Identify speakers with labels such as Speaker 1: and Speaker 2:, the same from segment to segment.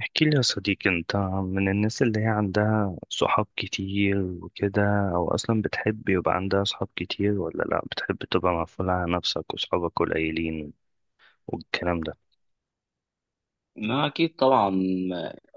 Speaker 1: احكي لي يا صديقي، انت من الناس اللي هي عندها صحاب كتير وكده؟ او اصلا بتحب يبقى عندها صحاب كتير ولا لا بتحب تبقى مقفولة على نفسك وصحابك قليلين والكلام ده؟
Speaker 2: ما أكيد طبعا.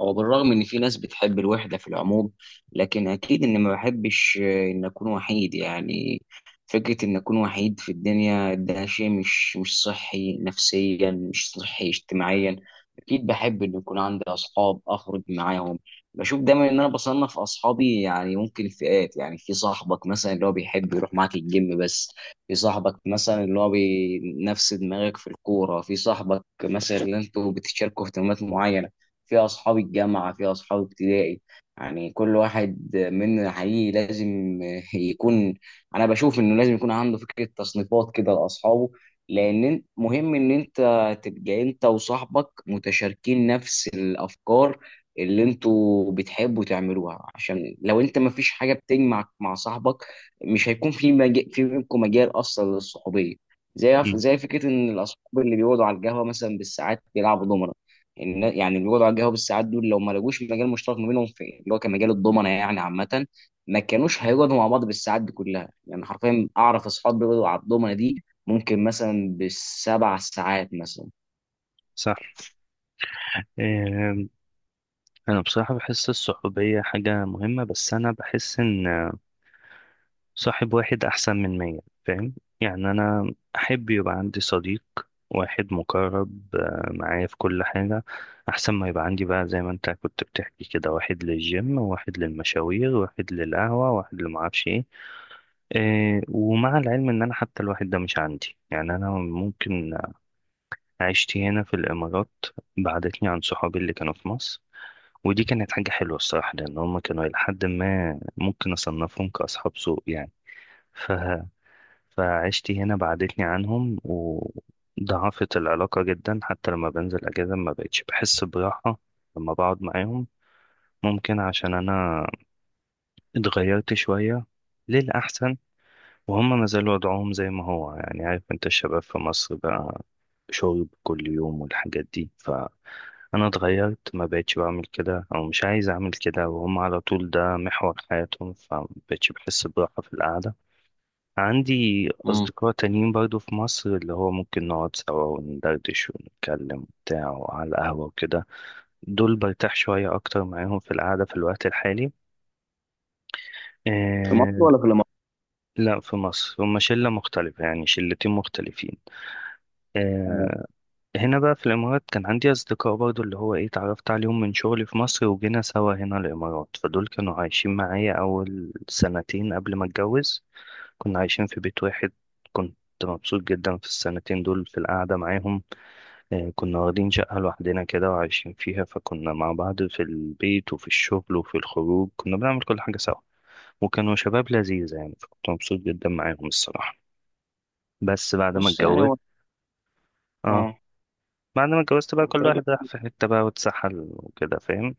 Speaker 2: هو بالرغم إن في ناس بتحب الوحدة في العموم، لكن أكيد إن ما بحبش إن أكون وحيد يعني. فكرة إن أكون وحيد في الدنيا ده شيء مش صحي نفسيا، مش صحي اجتماعيا. أكيد بحب إن يكون عندي أصحاب أخرج معاهم. بشوف دايما إن أنا بصنف أصحابي يعني ممكن فئات، يعني في صاحبك مثلا اللي هو بيحب يروح معاك الجيم بس، في صاحبك مثلا اللي هو نفس دماغك في الكورة، في صاحبك مثلا اللي انتوا بتشاركوا اهتمامات معينة، في أصحاب الجامعة، في أصحاب ابتدائي. يعني كل واحد مننا حقيقي لازم يكون، أنا بشوف إنه لازم يكون عنده فكرة تصنيفات كده لأصحابه. لأن مهم إن أنت تبقى أنت وصاحبك متشاركين نفس الأفكار اللي أنتوا بتحبوا تعملوها، عشان لو أنت مفيش حاجة بتجمعك مع صاحبك مش هيكون في مجال، في بينكم مجال اصلا للصحوبيه. زي
Speaker 1: مم.
Speaker 2: زي فكره ان الاصحاب اللي بيقعدوا على القهوه مثلا بالساعات بيلعبوا دومنه. يعني اللي بيقعدوا على القهوه بالساعات دول لو ما لقوش مجال مشترك ما بينهم في اللي هو كمجال الضمنه يعني عامه، ما كانوش هيقعدوا مع بعض بالساعات دي كلها. يعني حرفيا اعرف اصحاب بيقعدوا على الضمنه دي ممكن مثلا بالـ7 ساعات مثلا.
Speaker 1: صح. إيه، انا بصراحة بحس الصحوبية حاجة مهمة، بس انا بحس ان صاحب واحد أحسن من مية. فاهم؟ يعني أنا أحب يبقى عندي صديق واحد مقرب معايا في كل حاجة، أحسن ما يبقى عندي بقى زي ما أنت كنت بتحكي كده، واحد للجيم وواحد للمشاوير واحد للقهوة واحد اللي معرفش إيه. ومع العلم إن أنا حتى الواحد ده مش عندي. يعني أنا ممكن عشتي هنا في الإمارات بعدتني عن صحابي اللي كانوا في مصر، ودي كانت حاجة حلوة الصراحة، لأن هما كانوا إلى حد ما ممكن أصنفهم كأصحاب سوء يعني. فعشتي هنا بعدتني عنهم وضعفت العلاقة جدا، حتى لما بنزل أجازة ما بقتش بحس براحة لما بقعد معاهم. ممكن عشان أنا اتغيرت شوية للأحسن وهم ما زالوا وضعهم زي ما هو. يعني عارف أنت الشباب في مصر بقى، شرب كل يوم والحاجات دي، فأنا اتغيرت ما بقتش بعمل كده أو مش عايز أعمل كده، وهم على طول ده محور حياتهم، فما بقتش بحس براحة في القعدة. عندي
Speaker 2: مم.
Speaker 1: أصدقاء تانيين برضو في مصر اللي هو ممكن نقعد سوا وندردش ونتكلم وبتاع وعلى القهوة وكده. دول برتاح شوية أكتر معاهم في القعدة في الوقت الحالي.
Speaker 2: في مصر
Speaker 1: آه.
Speaker 2: ولا في الامارات؟
Speaker 1: لا، في مصر هما شلة مختلفة يعني، شلتين مختلفين. آه. هنا بقى في الإمارات كان عندي أصدقاء برضو اللي هو إيه اتعرفت عليهم من شغلي في مصر وجينا سوا هنا الإمارات، فدول كانوا عايشين معايا أول سنتين قبل ما أتجوز، كنا عايشين في بيت واحد. كنت مبسوط جدا في السنتين دول في القعدة معاهم. كنا واخدين شقة لوحدنا كده وعايشين فيها، فكنا مع بعض في البيت وفي الشغل وفي الخروج، كنا بنعمل كل حاجة سوا، وكانوا شباب لذيذة يعني، فكنت مبسوط جدا معاهم الصراحة. بس بعد ما
Speaker 2: بص يعني
Speaker 1: اتجوزت.
Speaker 2: هو،
Speaker 1: اه.
Speaker 2: اه،
Speaker 1: بعد ما اتجوزت بقى
Speaker 2: كنت
Speaker 1: كل
Speaker 2: اقول لك.
Speaker 1: واحد راح في حتة بقى واتسحل وكده. فاهم؟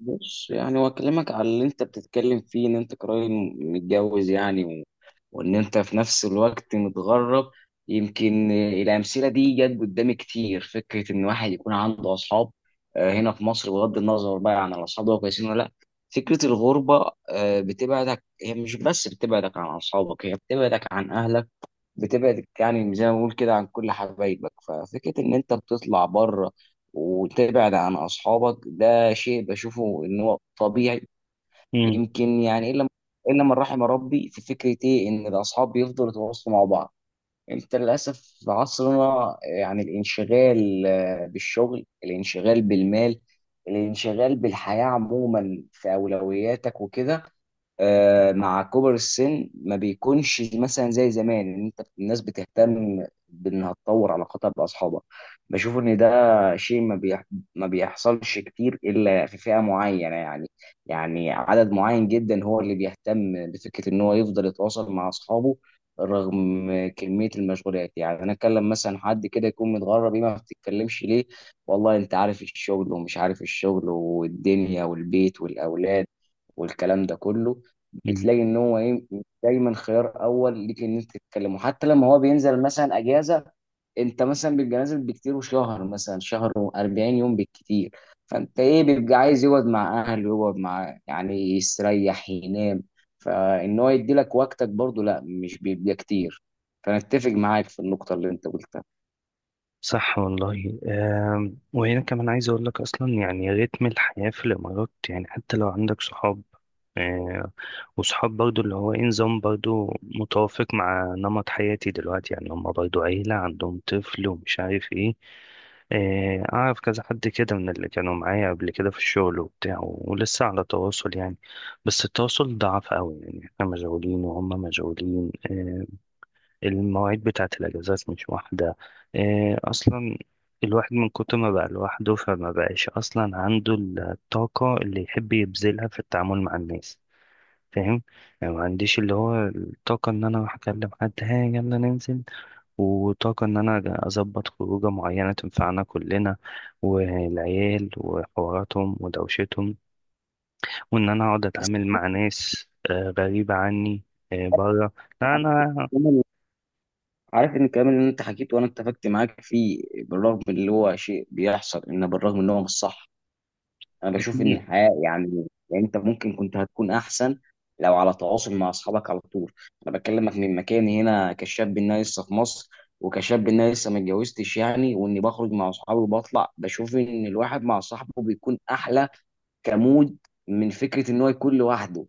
Speaker 2: بص يعني هو اكلمك على اللي انت بتتكلم فيه، ان انت قريب متجوز يعني، وان انت في نفس الوقت متغرب. يمكن الامثله دي جت قدامي كتير، فكره ان واحد يكون عنده اصحاب آه، هنا في مصر بغض النظر بقى عن الاصحاب دول كويسين ولا لا. فكره الغربه آه، بتبعدك، هي مش بس بتبعدك عن اصحابك، هي بتبعدك عن اهلك، بتبعدك يعني زي ما بقول كده عن كل حبايبك. ففكره ان انت بتطلع بره وتبعد عن اصحابك ده شيء بشوفه ان هو طبيعي.
Speaker 1: مم.
Speaker 2: يمكن يعني الا من رحم ربي في فكره ايه، ان الاصحاب بيفضلوا يتواصلوا مع بعض. انت للاسف في عصرنا يعني الانشغال آه، بالشغل، الانشغال بالمال، الانشغال بالحياه عموما في اولوياتك وكده، آه، مع كبر السن ما بيكونش مثلا زي زمان ان انت الناس بتهتم بانها تطور علاقاتها باصحابها. بشوف ان ده شيء ما بيحصلش كتير الا في فئة معينة يعني، يعني عدد معين جدا هو اللي بيهتم بفكرة ان هو يفضل يتواصل مع اصحابه رغم كمية المشغولات. يعني انا اتكلم مثلا حد كده يكون متغرب، ايه ما بتتكلمش ليه، والله انت عارف الشغل، ومش عارف الشغل، والدنيا، والبيت، والاولاد، والكلام ده كله.
Speaker 1: مم.
Speaker 2: بتلاقي ان هو ايه دايما خيار اول ليك ان انت تتكلم. وحتى لما هو بينزل مثلا اجازه، انت مثلا بيبقى نازل بكتير، وشهر مثلا شهر و40 يوم بالكتير، فانت ايه بيبقى عايز يقعد مع اهله، يقعد مع يعني يستريح، ينام. فان هو يدي لك وقتك برضه لا مش بيبقى كتير. فانا اتفق معاك في النقطه اللي انت قلتها.
Speaker 1: صح والله. وهنا كمان عايز اقول لك اصلا، يعني رتم الحياة في الامارات، يعني حتى لو عندك صحاب آه، وصحاب برضو اللي هو إيه نظام برضو متوافق مع نمط حياتي دلوقتي، يعني هما برضو عيلة عندهم طفل ومش عارف إيه. أعرف كذا حد كده من اللي كانوا معايا قبل كده في الشغل وبتاع ولسه على تواصل يعني، بس التواصل ضعف أوي يعني، إحنا مشغولين وهم مشغولين. المواعيد بتاعة الأجازات مش واحدة أصلا. الواحد من كتر ما بقى لوحده فما بقاش أصلا عنده الطاقة اللي يحب يبذلها في التعامل مع الناس. فاهم؟ يعني ما عنديش اللي هو الطاقة إن أنا أروح أكلم حد ها يلا ننزل، وطاقة إن أنا أظبط خروجة معينة تنفعنا كلنا، والعيال وحواراتهم ودوشتهم، وإن أنا أقعد
Speaker 2: بس
Speaker 1: أتعامل مع ناس غريبة عني بره. لا
Speaker 2: عارف
Speaker 1: أنا.
Speaker 2: كمان- عارف ان الكلام اللي انت حكيته وانا اتفقت معاك فيه بالرغم اللي هو شيء بيحصل، ان بالرغم ان هو مش صح، انا بشوف ان
Speaker 1: أكيد
Speaker 2: الحياه يعني انت ممكن كنت هتكون احسن لو على تواصل مع اصحابك على طول. انا بكلمك من مكاني هنا كشاب ان انا لسه في مصر، وكشاب ان انا لسه ما اتجوزتش يعني، واني بخرج مع اصحابي وبطلع، بشوف ان الواحد مع صاحبه بيكون احلى كمود من فكره ان هو يكون لوحده.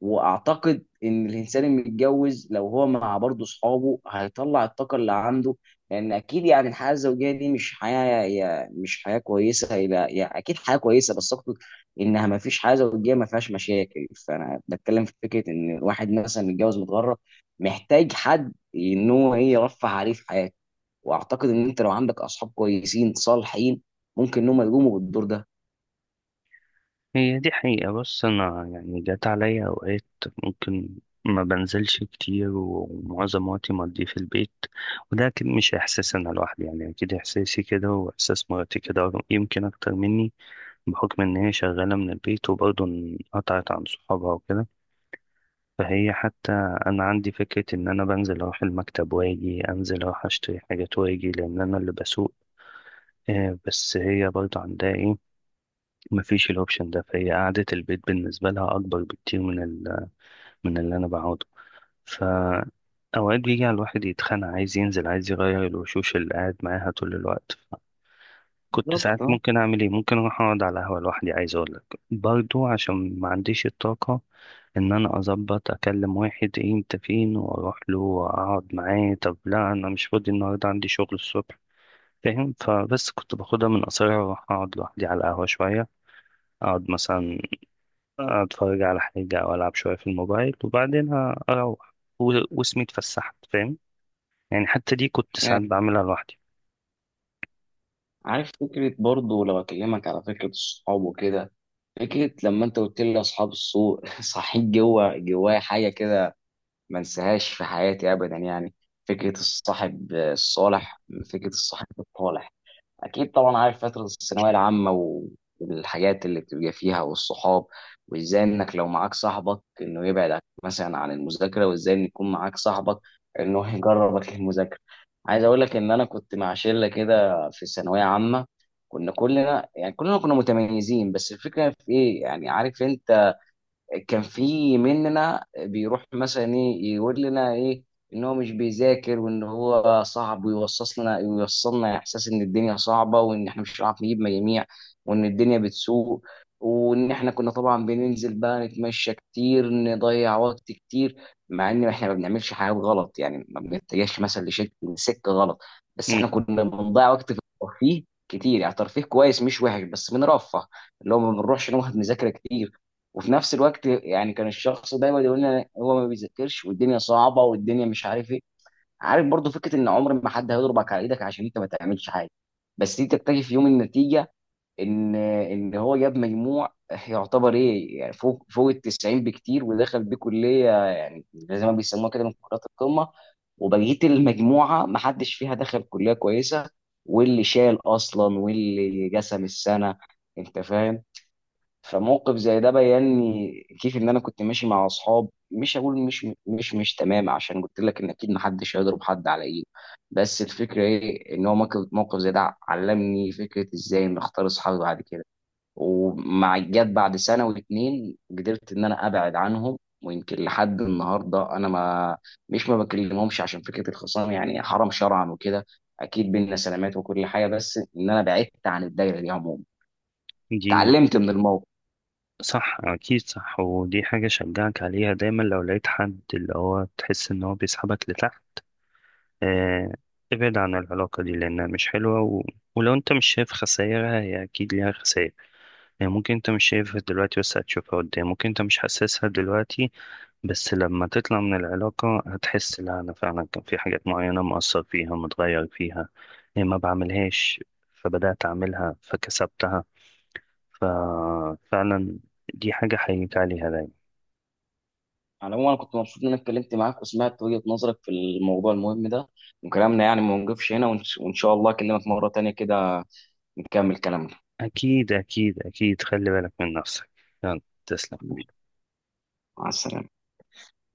Speaker 2: واعتقد ان الانسان المتجوز لو هو مع برضه اصحابه هيطلع الطاقه اللي عنده. لان اكيد يعني الحياه الزوجيه دي مش حياه، مش حياه كويسه الى يعني، اكيد حياه كويسه بس اقصد انها ما فيش حياه زوجيه ما فيهاش مشاكل. فانا بتكلم في فكره ان الواحد مثلا متجوز متغرب محتاج حد ان هو ايه يرفه عليه في حياته. واعتقد ان انت لو عندك اصحاب كويسين صالحين ممكن ان هم يقوموا بالدور ده
Speaker 1: هي دي حقيقة. بص أنا يعني جات عليا أوقات ممكن ما بنزلش كتير ومعظم وقتي مقضيه في البيت، وده أكيد مش إحساس أنا لوحدي يعني، أكيد إحساسي كده وإحساس مراتي كده، يمكن أكتر مني بحكم إن هي شغالة من البيت وبرضه انقطعت عن صحابها وكده. فهي حتى أنا عندي فكرة إن أنا بنزل أروح المكتب وأجي، أنزل أروح أشتري حاجات وأجي، لأن أنا اللي بسوق. بس هي برضه عندها إيه، مفيش الاوبشن ده، فهي قعدة البيت بالنسبة لها أكبر بكتير من اللي أنا بقعده. ف أوقات بيجي على الواحد يتخانق عايز ينزل عايز يغير الوشوش اللي قاعد معاها طول الوقت. كنت ساعات
Speaker 2: بالظبط.
Speaker 1: ممكن أعمل إيه، ممكن أروح أقعد على قهوة لوحدي عايز أقولك، برضو عشان ما عنديش الطاقة إن أنا أظبط أكلم واحد إيه أنت فين وأروح له وأقعد معاه. طب لا أنا مش فاضي النهاردة عندي شغل الصبح. فاهم؟ فبس كنت باخدها من قصرها وأروح أقعد لوحدي على القهوة شوية، أقعد مثلا اتفرج على حاجة او العب شوية في الموبايل، وبعدين اروح واسمي اتفسحت. فاهم؟ يعني حتى دي كنت
Speaker 2: آه.
Speaker 1: ساعات بعملها لوحدي.
Speaker 2: عارف فكرة برضو لو أكلمك على فكرة الصحاب وكده، فكرة لما انت قلت لي اصحاب السوق صحيت جوه جوايا حاجة كده، ما انساهاش في حياتي ابدا يعني. فكرة الصاحب الصالح، فكرة الصاحب الطالح، اكيد طبعا. عارف فتره الثانويه العامه والحاجات اللي بتبقى فيها والصحاب، وازاي انك لو معاك صاحبك انه يبعد مثلا عن المذاكره، وازاي ان يكون معاك صاحبك انه يجربك للمذاكره. عايز اقول لك ان انا كنت مع شله كده في الثانويه عامه، كنا كلنا يعني كلنا كنا متميزين، بس الفكره في ايه يعني، عارف انت، كان في مننا بيروح مثلا ايه يقول لنا ايه ان هو مش بيذاكر، وان هو صعب، ويوصص لنا يوصلنا احساس ان الدنيا صعبه، وان احنا مش هنعرف نجيب مجاميع، وان الدنيا بتسوء. وان احنا كنا طبعا بننزل بقى نتمشى كتير، نضيع وقت كتير، مع ان احنا ما بنعملش حاجات غلط يعني، ما بنتجهش مثلا لسكه غلط، بس
Speaker 1: مم.
Speaker 2: احنا كنا بنضيع وقت في الترفيه كتير، يعني ترفيه كويس مش وحش بس بنرفه، اللي هو ما بنروحش نقعد نذاكر كتير. وفي نفس الوقت يعني كان الشخص دايما يقول لي هو ما بيذاكرش، والدنيا صعبه، والدنيا مش عارف ايه. عارف برضو فكره ان عمر ما حد هيضربك على ايدك عشان انت ما تعملش حاجه، بس دي تكتشف في يوم النتيجه ان هو جاب مجموع يعتبر ايه يعني فوق ال 90 بكتير، ودخل بيه كليه يعني زي ما بيسموها كده من كليات القمه، وبقيه المجموعه ما حدش فيها دخل كليه كويسه، واللي شال اصلا، واللي جسم السنه، انت فاهم. فموقف زي ده بيني كيف ان انا كنت ماشي مع اصحاب مش هقول مش تمام، عشان قلت لك ان اكيد محدش هيضرب حد على ايده، بس الفكره ايه ان هو موقف زي ده علمني فكره ازاي ان اختار اصحابي بعد كده. ومع جت بعد سنه واتنين قدرت ان انا ابعد عنهم. ويمكن لحد النهارده انا ما بكلمهمش عشان فكره الخصام يعني حرام شرعا وكده، اكيد بينا سلامات وكل حاجه، بس ان انا بعدت عن الدايره دي عموما.
Speaker 1: دي
Speaker 2: اتعلمت من الموقف.
Speaker 1: صح. اكيد صح. ودي حاجة شجعك عليها دايما، لو لقيت حد اللي هو تحس ان هو بيسحبك لتحت، آه، ابعد عن العلاقة دي لانها مش حلوة ولو انت مش شايف خسائرها هي اكيد ليها خسائر. يعني ممكن انت مش شايفها دلوقتي بس هتشوفها قدام، ممكن انت مش حاسسها دلوقتي بس لما تطلع من العلاقة هتحس، لا انا فعلا كان في حاجات معينة مؤثر فيها متغير فيها، إيه ما بعملهاش فبدأت اعملها فكسبتها. ففعلا دي حاجة حقيقية عليها دايما.
Speaker 2: على العموم انا كنت مبسوط ان انا اتكلمت معاك وسمعت وجهة نظرك في الموضوع المهم ده، وكلامنا يعني ما نوقفش هنا، وإن شاء الله اكلمك مرة تانية كده نكمل كلامنا.
Speaker 1: اكيد اكيد اكيد. خلي بالك من نفسك. يلا. تسلم حبيبي.
Speaker 2: مع السلامة.